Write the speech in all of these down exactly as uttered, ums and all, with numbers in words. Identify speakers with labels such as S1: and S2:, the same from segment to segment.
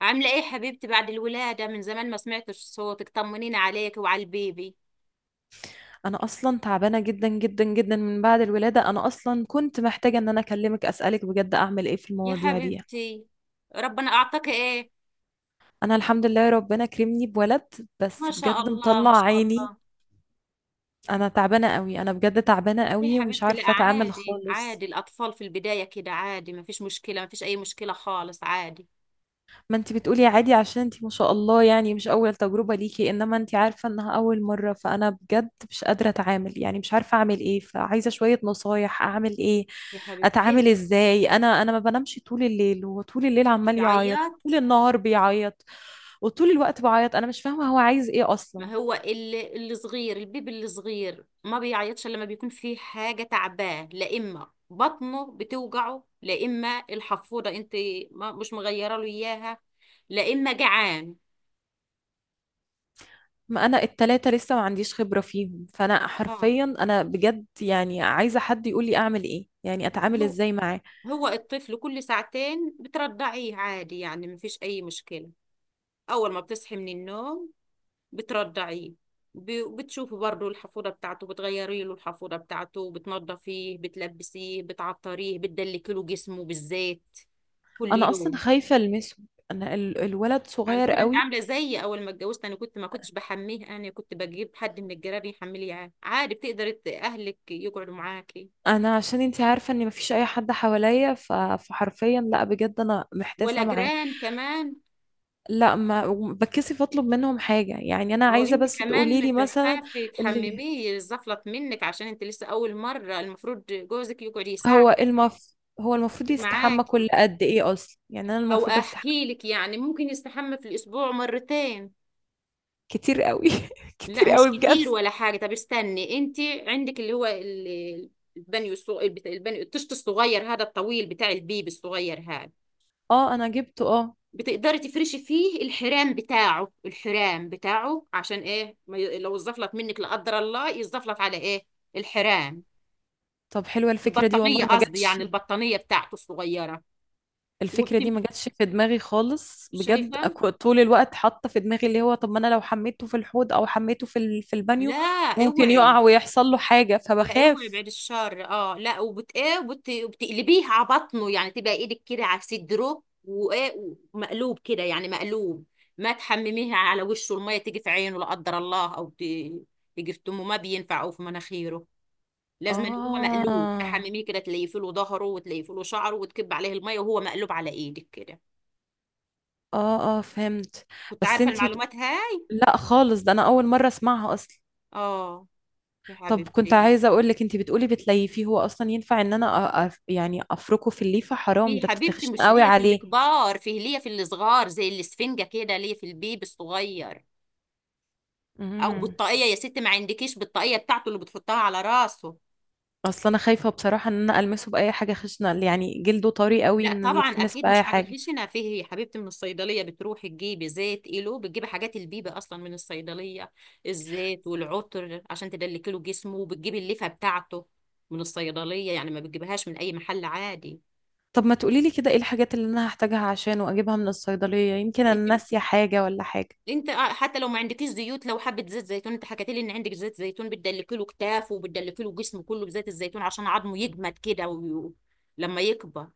S1: عاملة ايه حبيبتي بعد الولادة؟ من زمان ما سمعتش صوتك، طمنيني عليك وعلى البيبي.
S2: انا اصلا تعبانه جدا جدا جدا من بعد الولاده. انا اصلا كنت محتاجه ان انا اكلمك، اسالك بجد، اعمل ايه في
S1: يا
S2: المواضيع دي؟
S1: حبيبتي، ربنا اعطاك ايه؟
S2: انا الحمد لله ربنا كرمني بولد،
S1: ما
S2: بس
S1: شاء
S2: بجد
S1: الله، ما
S2: مطلع
S1: شاء
S2: عيني.
S1: الله.
S2: انا تعبانه قوي، انا بجد تعبانه
S1: يا
S2: قوي ومش
S1: حبيبتي، لا
S2: عارفه اتعامل
S1: عادي،
S2: خالص.
S1: عادي، الاطفال في البداية كده، عادي، ما فيش مشكلة، ما فيش اي مشكلة خالص، عادي.
S2: ما انت بتقولي عادي عشان انت ما شاء الله، يعني مش اول تجربة ليكي، انما انت عارفة انها اول مرة، فانا بجد مش قادرة اتعامل، يعني مش عارفة اعمل ايه، فعايزة شوية نصايح اعمل ايه؟
S1: يا حبيبتي ايه؟
S2: اتعامل ازاي؟ انا انا ما بنامش طول الليل، هو طول الليل عمال يعيط
S1: بيعيط.
S2: وطول النهار بيعيط وطول الوقت بعيط، انا مش فاهمة هو عايز ايه اصلا.
S1: ما هو اللي الصغير، البيبي الصغير ما بيعيطش الا لما بيكون فيه حاجه تعباه، لا اما بطنه بتوجعه، لا اما الحفوضه انت ما مش مغيره له اياها، لا اما جعان.
S2: ما انا التلاتة لسه ما عنديش خبرة فيهم، فانا
S1: اه،
S2: حرفيا انا بجد يعني عايزة حد يقولي اعمل ايه، يعني اتعامل
S1: هو
S2: ازاي معاه.
S1: هو الطفل كل ساعتين بترضعيه عادي، يعني ما فيش اي مشكله. اول ما بتصحي من النوم بترضعيه، ب- بتشوفي برضه الحفوضه بتاعته، بتغيري له الحفوضه بتاعته، بتنضفيه، بتلبسيه، بتعطريه، بتدلكي له جسمه بالزيت كل
S2: انا اصلا
S1: يوم.
S2: خايفه المسه. انا ال- الولد
S1: على
S2: صغير
S1: فكرة انت
S2: قوي.
S1: عاملة زيي، اول ما اتجوزت انا كنت ما كنتش بحميه، انا كنت بجيب حد من الجيران يحملي، يعني عادي، بتقدر ت- اهلك يقعدوا معاكي.
S2: انا عشان انتي عارفه ان مفيش اي حد حواليا، ف- فحرفيا، لا بجد انا محتاسه
S1: ولا
S2: معاه.
S1: جيران كمان؟
S2: لا، ما بتكسف اطلب منهم حاجه، يعني انا
S1: ما هو
S2: عايزه
S1: انت
S2: بس تقولي لي
S1: كمان
S2: مثلا.
S1: تخافي
S2: اللي
S1: تحمميه يزفلط منك، عشان انت لسه اول مرة، المفروض جوزك يقعد
S2: هو
S1: يساعدك
S2: المف هو المفروض يستحمى
S1: معاكي.
S2: كل قد ايه اصلا؟ يعني انا
S1: او
S2: المفروض استحمى.
S1: احكي لك، يعني ممكن يستحمى في الاسبوع مرتين.
S2: كتير قوي
S1: لا
S2: كتير
S1: مش
S2: قوي بجد.
S1: كتير ولا حاجة. طب استني انت، عندك اللي هو ال- البانيو الصغ... البت- البانيو الطشت الصغير هذا الطويل بتاع البيبي الصغير هذا،
S2: اه، انا جبته. اه.
S1: بتقدري تفرشي فيه الحرام بتاعه، الحرام بتاعه عشان ايه، ما ي... لو الزفلت منك لا قدر الله، يزفلت على ايه؟ الحرام.
S2: طب حلوه الفكره دي،
S1: البطانية
S2: والله ما
S1: قصدي،
S2: جاتش.
S1: يعني البطانية بتاعته الصغيرة.
S2: الفكرة
S1: وبتم
S2: دي ما جاتش في دماغي خالص بجد.
S1: شايفة؟
S2: أكو- طول الوقت حاطة في دماغي اللي هو، طب ما انا لو حميته في الحوض او حميته في ال- في البانيو
S1: لا
S2: ممكن يقع
S1: اوعي،
S2: ويحصل له حاجة
S1: لا اوعي،
S2: فبخاف.
S1: بعد الشر، اه لا، وبت ايه وبت... وبتقلبيه على بطنه، يعني تبقى ايدك كده على صدره وايه، ومقلوب كده، يعني مقلوب، ما تحمميها على وشه، الميه تيجي في عينه لا قدر الله، او ت... تيجي في تمه، ما بينفع، او في مناخيره. لازم إن هو مقلوب
S2: اه،
S1: تحمميه كده، تليفي له ظهره وتليفي له شعره وتكب عليه الميه وهو مقلوب على ايدك كده.
S2: اه، اه، فهمت.
S1: كنت
S2: بس
S1: عارفه
S2: انتي بت...
S1: المعلومات هاي؟
S2: لا خالص، ده انا اول مرة اسمعها اصلا.
S1: اه، يا
S2: طب كنت
S1: حبيبتي،
S2: عايزة اقول لك، انتي بتقولي بتليفيه، هو اصلا ينفع ان انا أ... أف- يعني افركه في الليفة؟ حرام،
S1: في
S2: ده
S1: حبيبتي،
S2: تخشن
S1: مش
S2: قوي
S1: ليا في
S2: عليه.
S1: الكبار، فيه ليا في الصغار زي الاسفنجة كده، ليا في البيبي الصغير، او
S2: امم.
S1: بطاقية يا ستي، ما عندكيش بطاقية بتاعته اللي بتحطها على راسه؟
S2: اصلا انا خايفة بصراحة ان انا المسه باي حاجة خشنة، يعني جلده طري قوي
S1: لا
S2: ان
S1: طبعا،
S2: يتلمس
S1: اكيد
S2: باي
S1: مش حاجة
S2: حاجة.
S1: خشنة فيه يا حبيبتي، من الصيدلية بتروحي تجيبي زيت ايلو، بتجيبي حاجات البيبي اصلا من الصيدلية، الزيت والعطر عشان تدلكي له جسمه، وبتجيبي اللفة بتاعته من الصيدلية، يعني ما بتجيبهاش من اي محل عادي.
S2: طب ما تقولي لي كده ايه الحاجات اللي انا هحتاجها عشان واجيبها من الصيدلية؟ يمكن انا
S1: انت
S2: ناسية حاجة ولا حاجة.
S1: انت آه، حتى لو ما عندكيش زيوت، لو حبه زيت زيتون، انت حكيت لي ان عندك زيت زيتون، بتدلكي له كتافه وبتدلكي له جسمه كله بزيت الزيتون عشان عظمه يجمد كده و... لما يكبر.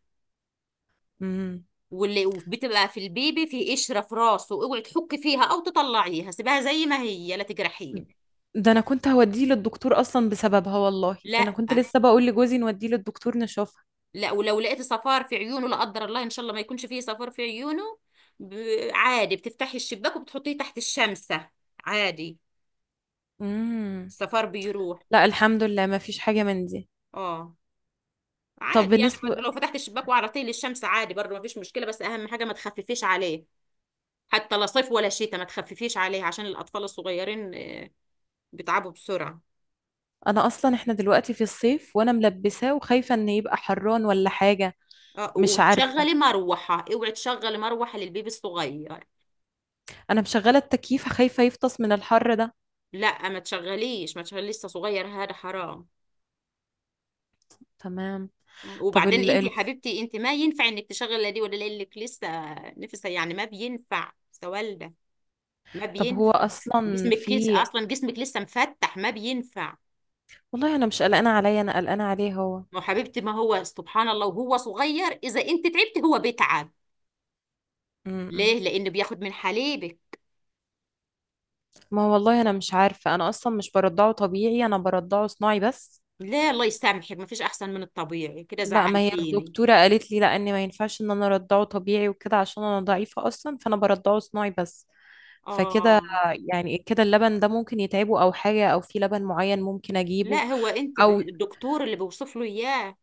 S2: امم،
S1: واللي بتبقى في البيبي في قشره في راسه، اوعي تحكي فيها او تطلعيها، سيبها زي ما هي، لا تجرحيه.
S2: ده انا كنت هوديه للدكتور اصلا بسببها، والله ده
S1: لا
S2: انا كنت لسه بقول لجوزي نوديه للدكتور نشوفها.
S1: لا، ولو لقيتي صفار في عيونه لا قدر الله، ان شاء الله ما يكونش فيه صفار في عيونه، ب... عادي بتفتحي الشباك وبتحطيه تحت الشمسه، عادي،
S2: امم.
S1: الصفار بيروح.
S2: لا الحمد لله ما فيش حاجة من دي.
S1: اه،
S2: طب
S1: عادي يعني برضه،
S2: بالنسبة
S1: لو فتحت الشباك وعرضتيه للشمس عادي برضه ما فيش مشكله، بس اهم حاجه ما تخففيش عليه، حتى لا صيف ولا شتاء، ما تخففيش عليه عشان الاطفال الصغيرين آه، بيتعبوا بسرعه.
S2: انا اصلا احنا دلوقتي في الصيف وانا ملبساه وخايفة ان يبقى حران ولا حاجة.
S1: اه،
S2: مش عارفة.
S1: وتشغلي مروحه، اوعي تشغلي مروحه للبيبي الصغير.
S2: انا مشغلة التكييف، خايفة يفطس من الحر ده.
S1: لا ما تشغليش، ما تشغليش، لسه صغير، هذا حرام.
S2: تمام.
S1: مم.
S2: طب
S1: وبعدين
S2: ال...
S1: انت يا
S2: ال...
S1: حبيبتي، انت ما ينفع انك تشغلي لا دي ولا لك لسه، نفسها يعني، ما بينفع، لسه والده، ما
S2: طب هو
S1: بينفع،
S2: اصلا
S1: جسمك
S2: في
S1: لسه، اصلا جسمك لسه مفتح، ما بينفع.
S2: والله انا مش قلقانه عليا، انا قلقانه عليه هو.
S1: ما هو حبيبتي، ما هو سبحان الله وهو صغير، إذا أنت تعبت هو بيتعب.
S2: امم.
S1: ليه؟ لأنه بياخد من حليبك.
S2: ما هو والله انا مش عارفه، انا اصلا مش برضعه طبيعي، انا برضعه صناعي بس.
S1: لا، الله يسامحك، ما فيش أحسن من الطبيعي، كده
S2: لا، ما هي
S1: زعلتيني.
S2: الدكتوره قالت لي لا ان ما ينفعش ان انا ارضعه طبيعي وكده، عشان انا ضعيفه اصلا، فانا برضعه صناعي بس. فكده،
S1: آه،
S2: يعني كده اللبن ده ممكن يتعبه او حاجه، او في لبن معين ممكن
S1: لا
S2: اجيبه؟
S1: هو أنت ب-
S2: او
S1: الدكتور اللي بيوصف له إياه،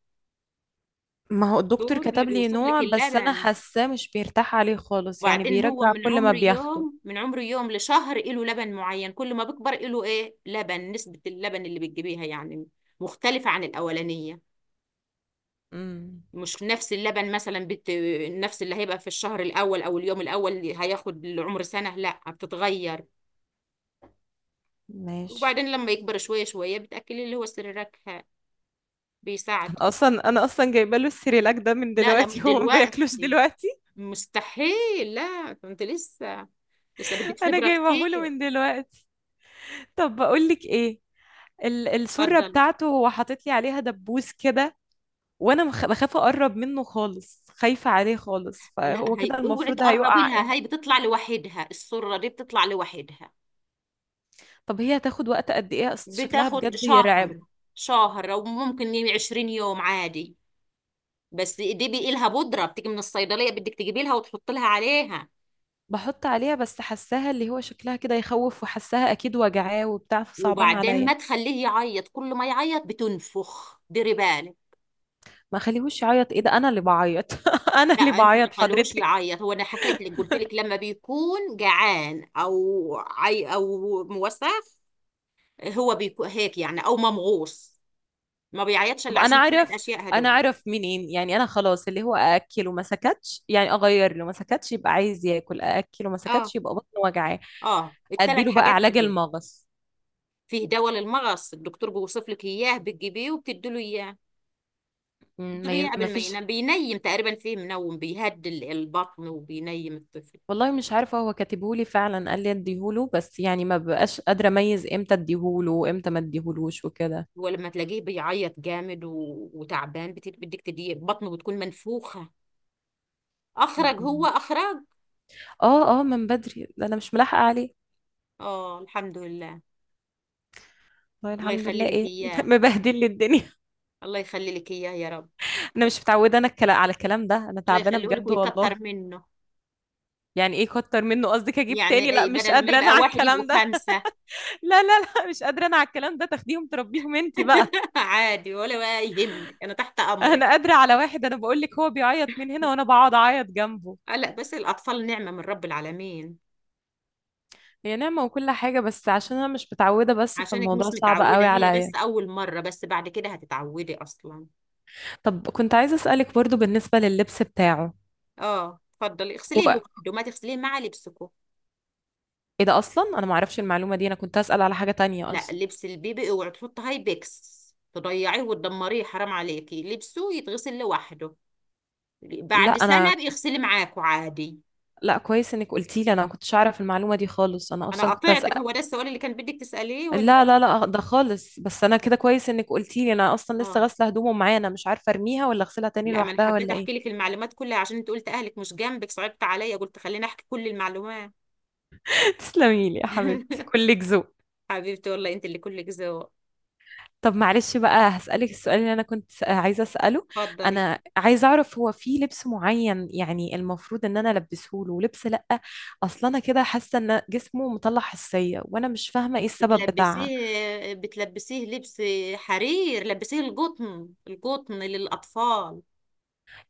S2: ما هو الدكتور
S1: الدكتور اللي
S2: كتب لي
S1: بيوصف لك
S2: نوع بس انا
S1: اللبن.
S2: حاساه مش بيرتاح عليه خالص، يعني
S1: وبعدين هو
S2: بيرجع
S1: من
S2: كل ما
S1: عمر
S2: بياخده.
S1: يوم، من عمر يوم لشهر إله لبن معين، كل ما بيكبر إله إيه، لبن، نسبة اللبن اللي بتجيبيها يعني مختلفة عن الأولانية،
S2: امم.
S1: مش نفس اللبن، مثلا بت... نفس اللي هيبقى في الشهر الاول او اليوم الاول اللي هياخد العمر سنه، لا بتتغير.
S2: ماشي.
S1: وبعدين لما يكبر شويه شويه، بتاكلي اللي هو سريرك، بيساعد.
S2: اصلا انا اصلا جايبه له السيريلاك ده من
S1: لا لا، مش
S2: دلوقتي هو ما بياكلوش
S1: دلوقتي،
S2: دلوقتي.
S1: مستحيل، لا ده انت لسه، لسه بدك
S2: انا
S1: خبره
S2: جايبه له
S1: كتير.
S2: من دلوقتي. طب بقول لك ايه، ال- السره
S1: اتفضل.
S2: بتاعته هو حاطط لي عليها دبوس كده، وانا مخ- بخاف اقرب منه خالص، خايفه عليه خالص.
S1: لا
S2: فهو كده
S1: هي اوعي
S2: المفروض
S1: تقربي
S2: هيقع امتى؟
S1: لها، هي بتطلع لوحدها، السره دي بتطلع لوحدها،
S2: طب هي هتاخد وقت قد ايه؟ اصل شكلها
S1: بتاخد
S2: بجد يرعب.
S1: شهر، شهر او ممكن عشرين يوم، عادي، بس دي بيقي لها بودره بتيجي من الصيدليه، بدك تجيبي لها وتحط لها عليها.
S2: بحط عليها بس حاساها اللي هو شكلها كده يخوف، وحاساها اكيد وجعاه وبتاع، فصعبان
S1: وبعدين
S2: عليا.
S1: ما تخليه يعيط، كل ما يعيط بتنفخ، ديري بالك.
S2: ما خليهوش يعيط ايه؟ ده انا اللي بعيط انا
S1: لا
S2: اللي
S1: انت ما
S2: بعيط
S1: تخليهوش
S2: حضرتك.
S1: يعيط، هو انا حكيت لك، قلت لك لما بيكون جعان او عي او موسخ، هو بيكون هيك يعني، او ممغوص، ما بيعيطش
S2: طب
S1: الا
S2: انا
S1: عشان
S2: اعرف
S1: الثلاث اشياء
S2: انا
S1: هدول.
S2: اعرف منين، يعني انا خلاص اللي هو ااكله ما سكتش يعني اغير له ما سكتش يبقى عايز ياكل، ااكله ما
S1: اه،
S2: سكتش يبقى بطنه وجعاه.
S1: اه، الثلاث
S2: اديله بقى
S1: حاجات
S2: علاج
S1: هدول،
S2: المغص.
S1: فيه دواء للمغص، الدكتور بيوصف لك اياه، بتجيبيه وبتدي له اياه،
S2: مم،
S1: قلت له
S2: ما ي- ما
S1: يعمل ما
S2: فيش.
S1: ينام، بينيم تقريبا، فيه منوم بيهدي ال- البطن وبينيم الطفل.
S2: والله مش عارفه، هو كاتبهولي فعلا قال لي اديهوله، بس يعني ما بقاش قادره اميز امتى اديهوله وامتى ما اديهولوش وكده.
S1: ولما تلاقيه بيعيط جامد و... وتعبان، بت- بدك تديه، بطنه بتكون منفوخة، أخرج هو؟
S2: مم.
S1: أخرج؟
S2: اه، اه، من بدري، ده انا مش ملاحقه عليه.
S1: آه، الحمد لله،
S2: والله
S1: الله
S2: الحمد
S1: يخلي
S2: لله
S1: لك
S2: ايه
S1: إياه،
S2: مبهدل لي الدنيا.
S1: الله يخلي لك إياه يا رب.
S2: انا مش متعوده، انا الكلا- على الكلام ده، انا
S1: الله
S2: تعبانه
S1: يخليه لك
S2: بجد
S1: ويكتر
S2: والله.
S1: منه.
S2: يعني ايه كتر منه؟ قصدك اجيب تاني؟
S1: يعني
S2: لا
S1: إيه،
S2: مش
S1: بدل ما
S2: قادره انا
S1: يبقى
S2: على
S1: واحد يبقوا
S2: الكلام ده
S1: خمسة.
S2: لا، لا، لا، مش قادره انا على الكلام ده، تاخديهم تربيهم انت بقى.
S1: عادي، ولا بقى يهمك، أنا تحت أمرك.
S2: انا قادره على واحد، انا بقول لك، هو بيعيط من هنا وانا بقعد اعيط جنبه.
S1: آه، لا بس الأطفال نعمة من رب العالمين.
S2: هي نعمه وكل حاجه، بس عشان انا مش متعوده بس،
S1: عشانك
S2: فالموضوع
S1: مش
S2: صعب
S1: متعودة،
S2: قوي
S1: هي
S2: عليا.
S1: بس أول مرة، بس بعد كده هتتعودي أصلا.
S2: طب كنت عايزه اسالك برضو بالنسبه لللبس بتاعه.
S1: اه، اتفضلي،
S2: هو
S1: اغسليه لوحده، ما تغسليه مع لبسكو.
S2: ايه ده اصلا؟ انا ما اعرفش المعلومه دي. انا كنت اسال على حاجه تانية
S1: لا
S2: اصلا.
S1: لبس البيبي اوعي تحطي هاي بيكس، تضيعيه وتدمريه، حرام عليكي، لبسه يتغسل لوحده،
S2: لا
S1: بعد سنة
S2: انا
S1: بيغسلي معاكوا عادي.
S2: لا كويس انك قلتي لي، انا ما كنتش اعرف المعلومه دي خالص، انا
S1: أنا
S2: اصلا كنت.
S1: قطعتك، هو ده السؤال اللي كان بدك تسأليه ولا؟
S2: لا، لا، لا، ده خالص، بس انا كده كويس انك قلتي لي، انا اصلا لسه
S1: اه،
S2: غاسله هدومه معايا، انا مش عارفه ارميها ولا اغسلها تاني
S1: لا ما أنا
S2: لوحدها
S1: حبيت
S2: ولا
S1: أحكي
S2: ايه.
S1: لك المعلومات كلها، عشان أنت قلت أهلك مش جنبك، صعبت عليا، قلت خليني أحكي كل المعلومات.
S2: تسلمي لي يا حبيبتي، كلك ذوق.
S1: حبيبتي والله أنت اللي كلك ذوق.
S2: طب معلش بقى هسألك السؤال اللي انا كنت س- عايزه اسأله.
S1: اتفضلي.
S2: انا عايزه اعرف، هو في لبس معين يعني المفروض ان انا البسه له ولبس لا؟ اصلا انا كده حاسه ان جسمه مطلع حساسيه وانا مش فاهمه ايه السبب بتاعها.
S1: بتلبسيه بتلبسيه لبس حرير؟ لبسيه القطن، القطن للأطفال.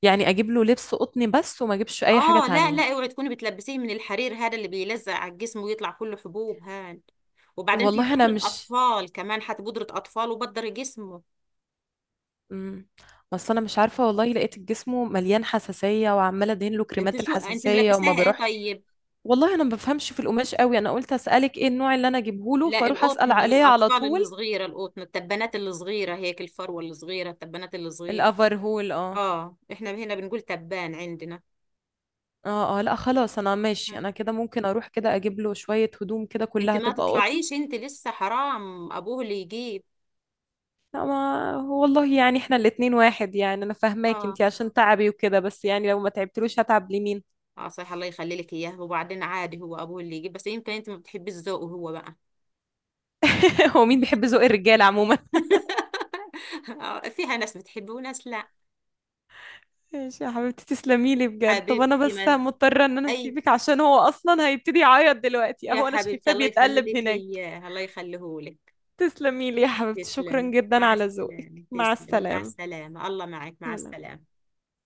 S2: يعني اجيب له لبس قطني بس وما اجيبش اي حاجه
S1: اه لا
S2: تانية؟
S1: لا، اوعي تكوني بتلبسيه من الحرير هذا اللي بيلزق على الجسم ويطلع كله حبوب هاد. وبعدين في
S2: والله انا
S1: بودرة
S2: مش،
S1: أطفال كمان، حتى بودرة أطفال وبدر جسمه.
S2: امم بس انا مش عارفه، والله لقيت جسمه مليان حساسيه وعماله ادهن له
S1: انت
S2: كريمات
S1: شو انت
S2: الحساسيه وما
S1: ملبساها ايه
S2: بيروحش.
S1: طيب؟
S2: والله انا ما بفهمش في القماش قوي، انا قلت اسالك ايه النوع اللي انا اجيبه له
S1: لا
S2: فاروح
S1: القطن
S2: اسال عليه على
S1: للأطفال اللي
S2: طول.
S1: صغيرة، القطن، التبانات اللي صغيرة هيك، الفروة اللي صغيرة، التبانات اللي صغيرة.
S2: الافرهول، اه.
S1: اه، احنا هنا بنقول تبان عندنا.
S2: اه، اه، لا خلاص انا ماشي، انا كده ممكن اروح كده اجيب له شويه هدوم كده
S1: انت
S2: كلها
S1: ما
S2: تبقى قطن.
S1: تطلعيش، انت لسه حرام، ابوه اللي يجيب.
S2: لا ما والله، يعني احنا الاتنين واحد، يعني انا فاهماك
S1: اه
S2: انتي عشان تعبي وكده، بس يعني لو ما تعبتلوش هتعب لمين؟
S1: اه صحيح، الله يخلي لك اياه، وبعدين عادي، هو ابوه اللي يجيب، بس يمكن انت ما بتحبيش ذوقه هو بقى.
S2: هو مين بيحب ذوق الرجاله عموما؟
S1: آه، فيها ناس بتحبه وناس لا.
S2: ماشي يا حبيبتي، تسلمي لي بجد. طب انا
S1: حبيبتي،
S2: بس
S1: ما
S2: مضطره ان انا
S1: اي،
S2: اسيبك عشان هو اصلا هيبتدي يعيط دلوقتي،
S1: يا
S2: اهو انا
S1: حبيبتي،
S2: شايفاه
S1: الله يخلي
S2: بيتقلب
S1: لك
S2: هناك.
S1: اياه، الله يخليه لك.
S2: تسلمي لي يا حبيبتي، شكرا
S1: تسلمي
S2: جدا
S1: مع
S2: على
S1: السلامة،
S2: ذوقك، مع
S1: تسلمي مع
S2: السلامه.
S1: السلامة، الله معك، مع
S2: سلام.
S1: السلامة.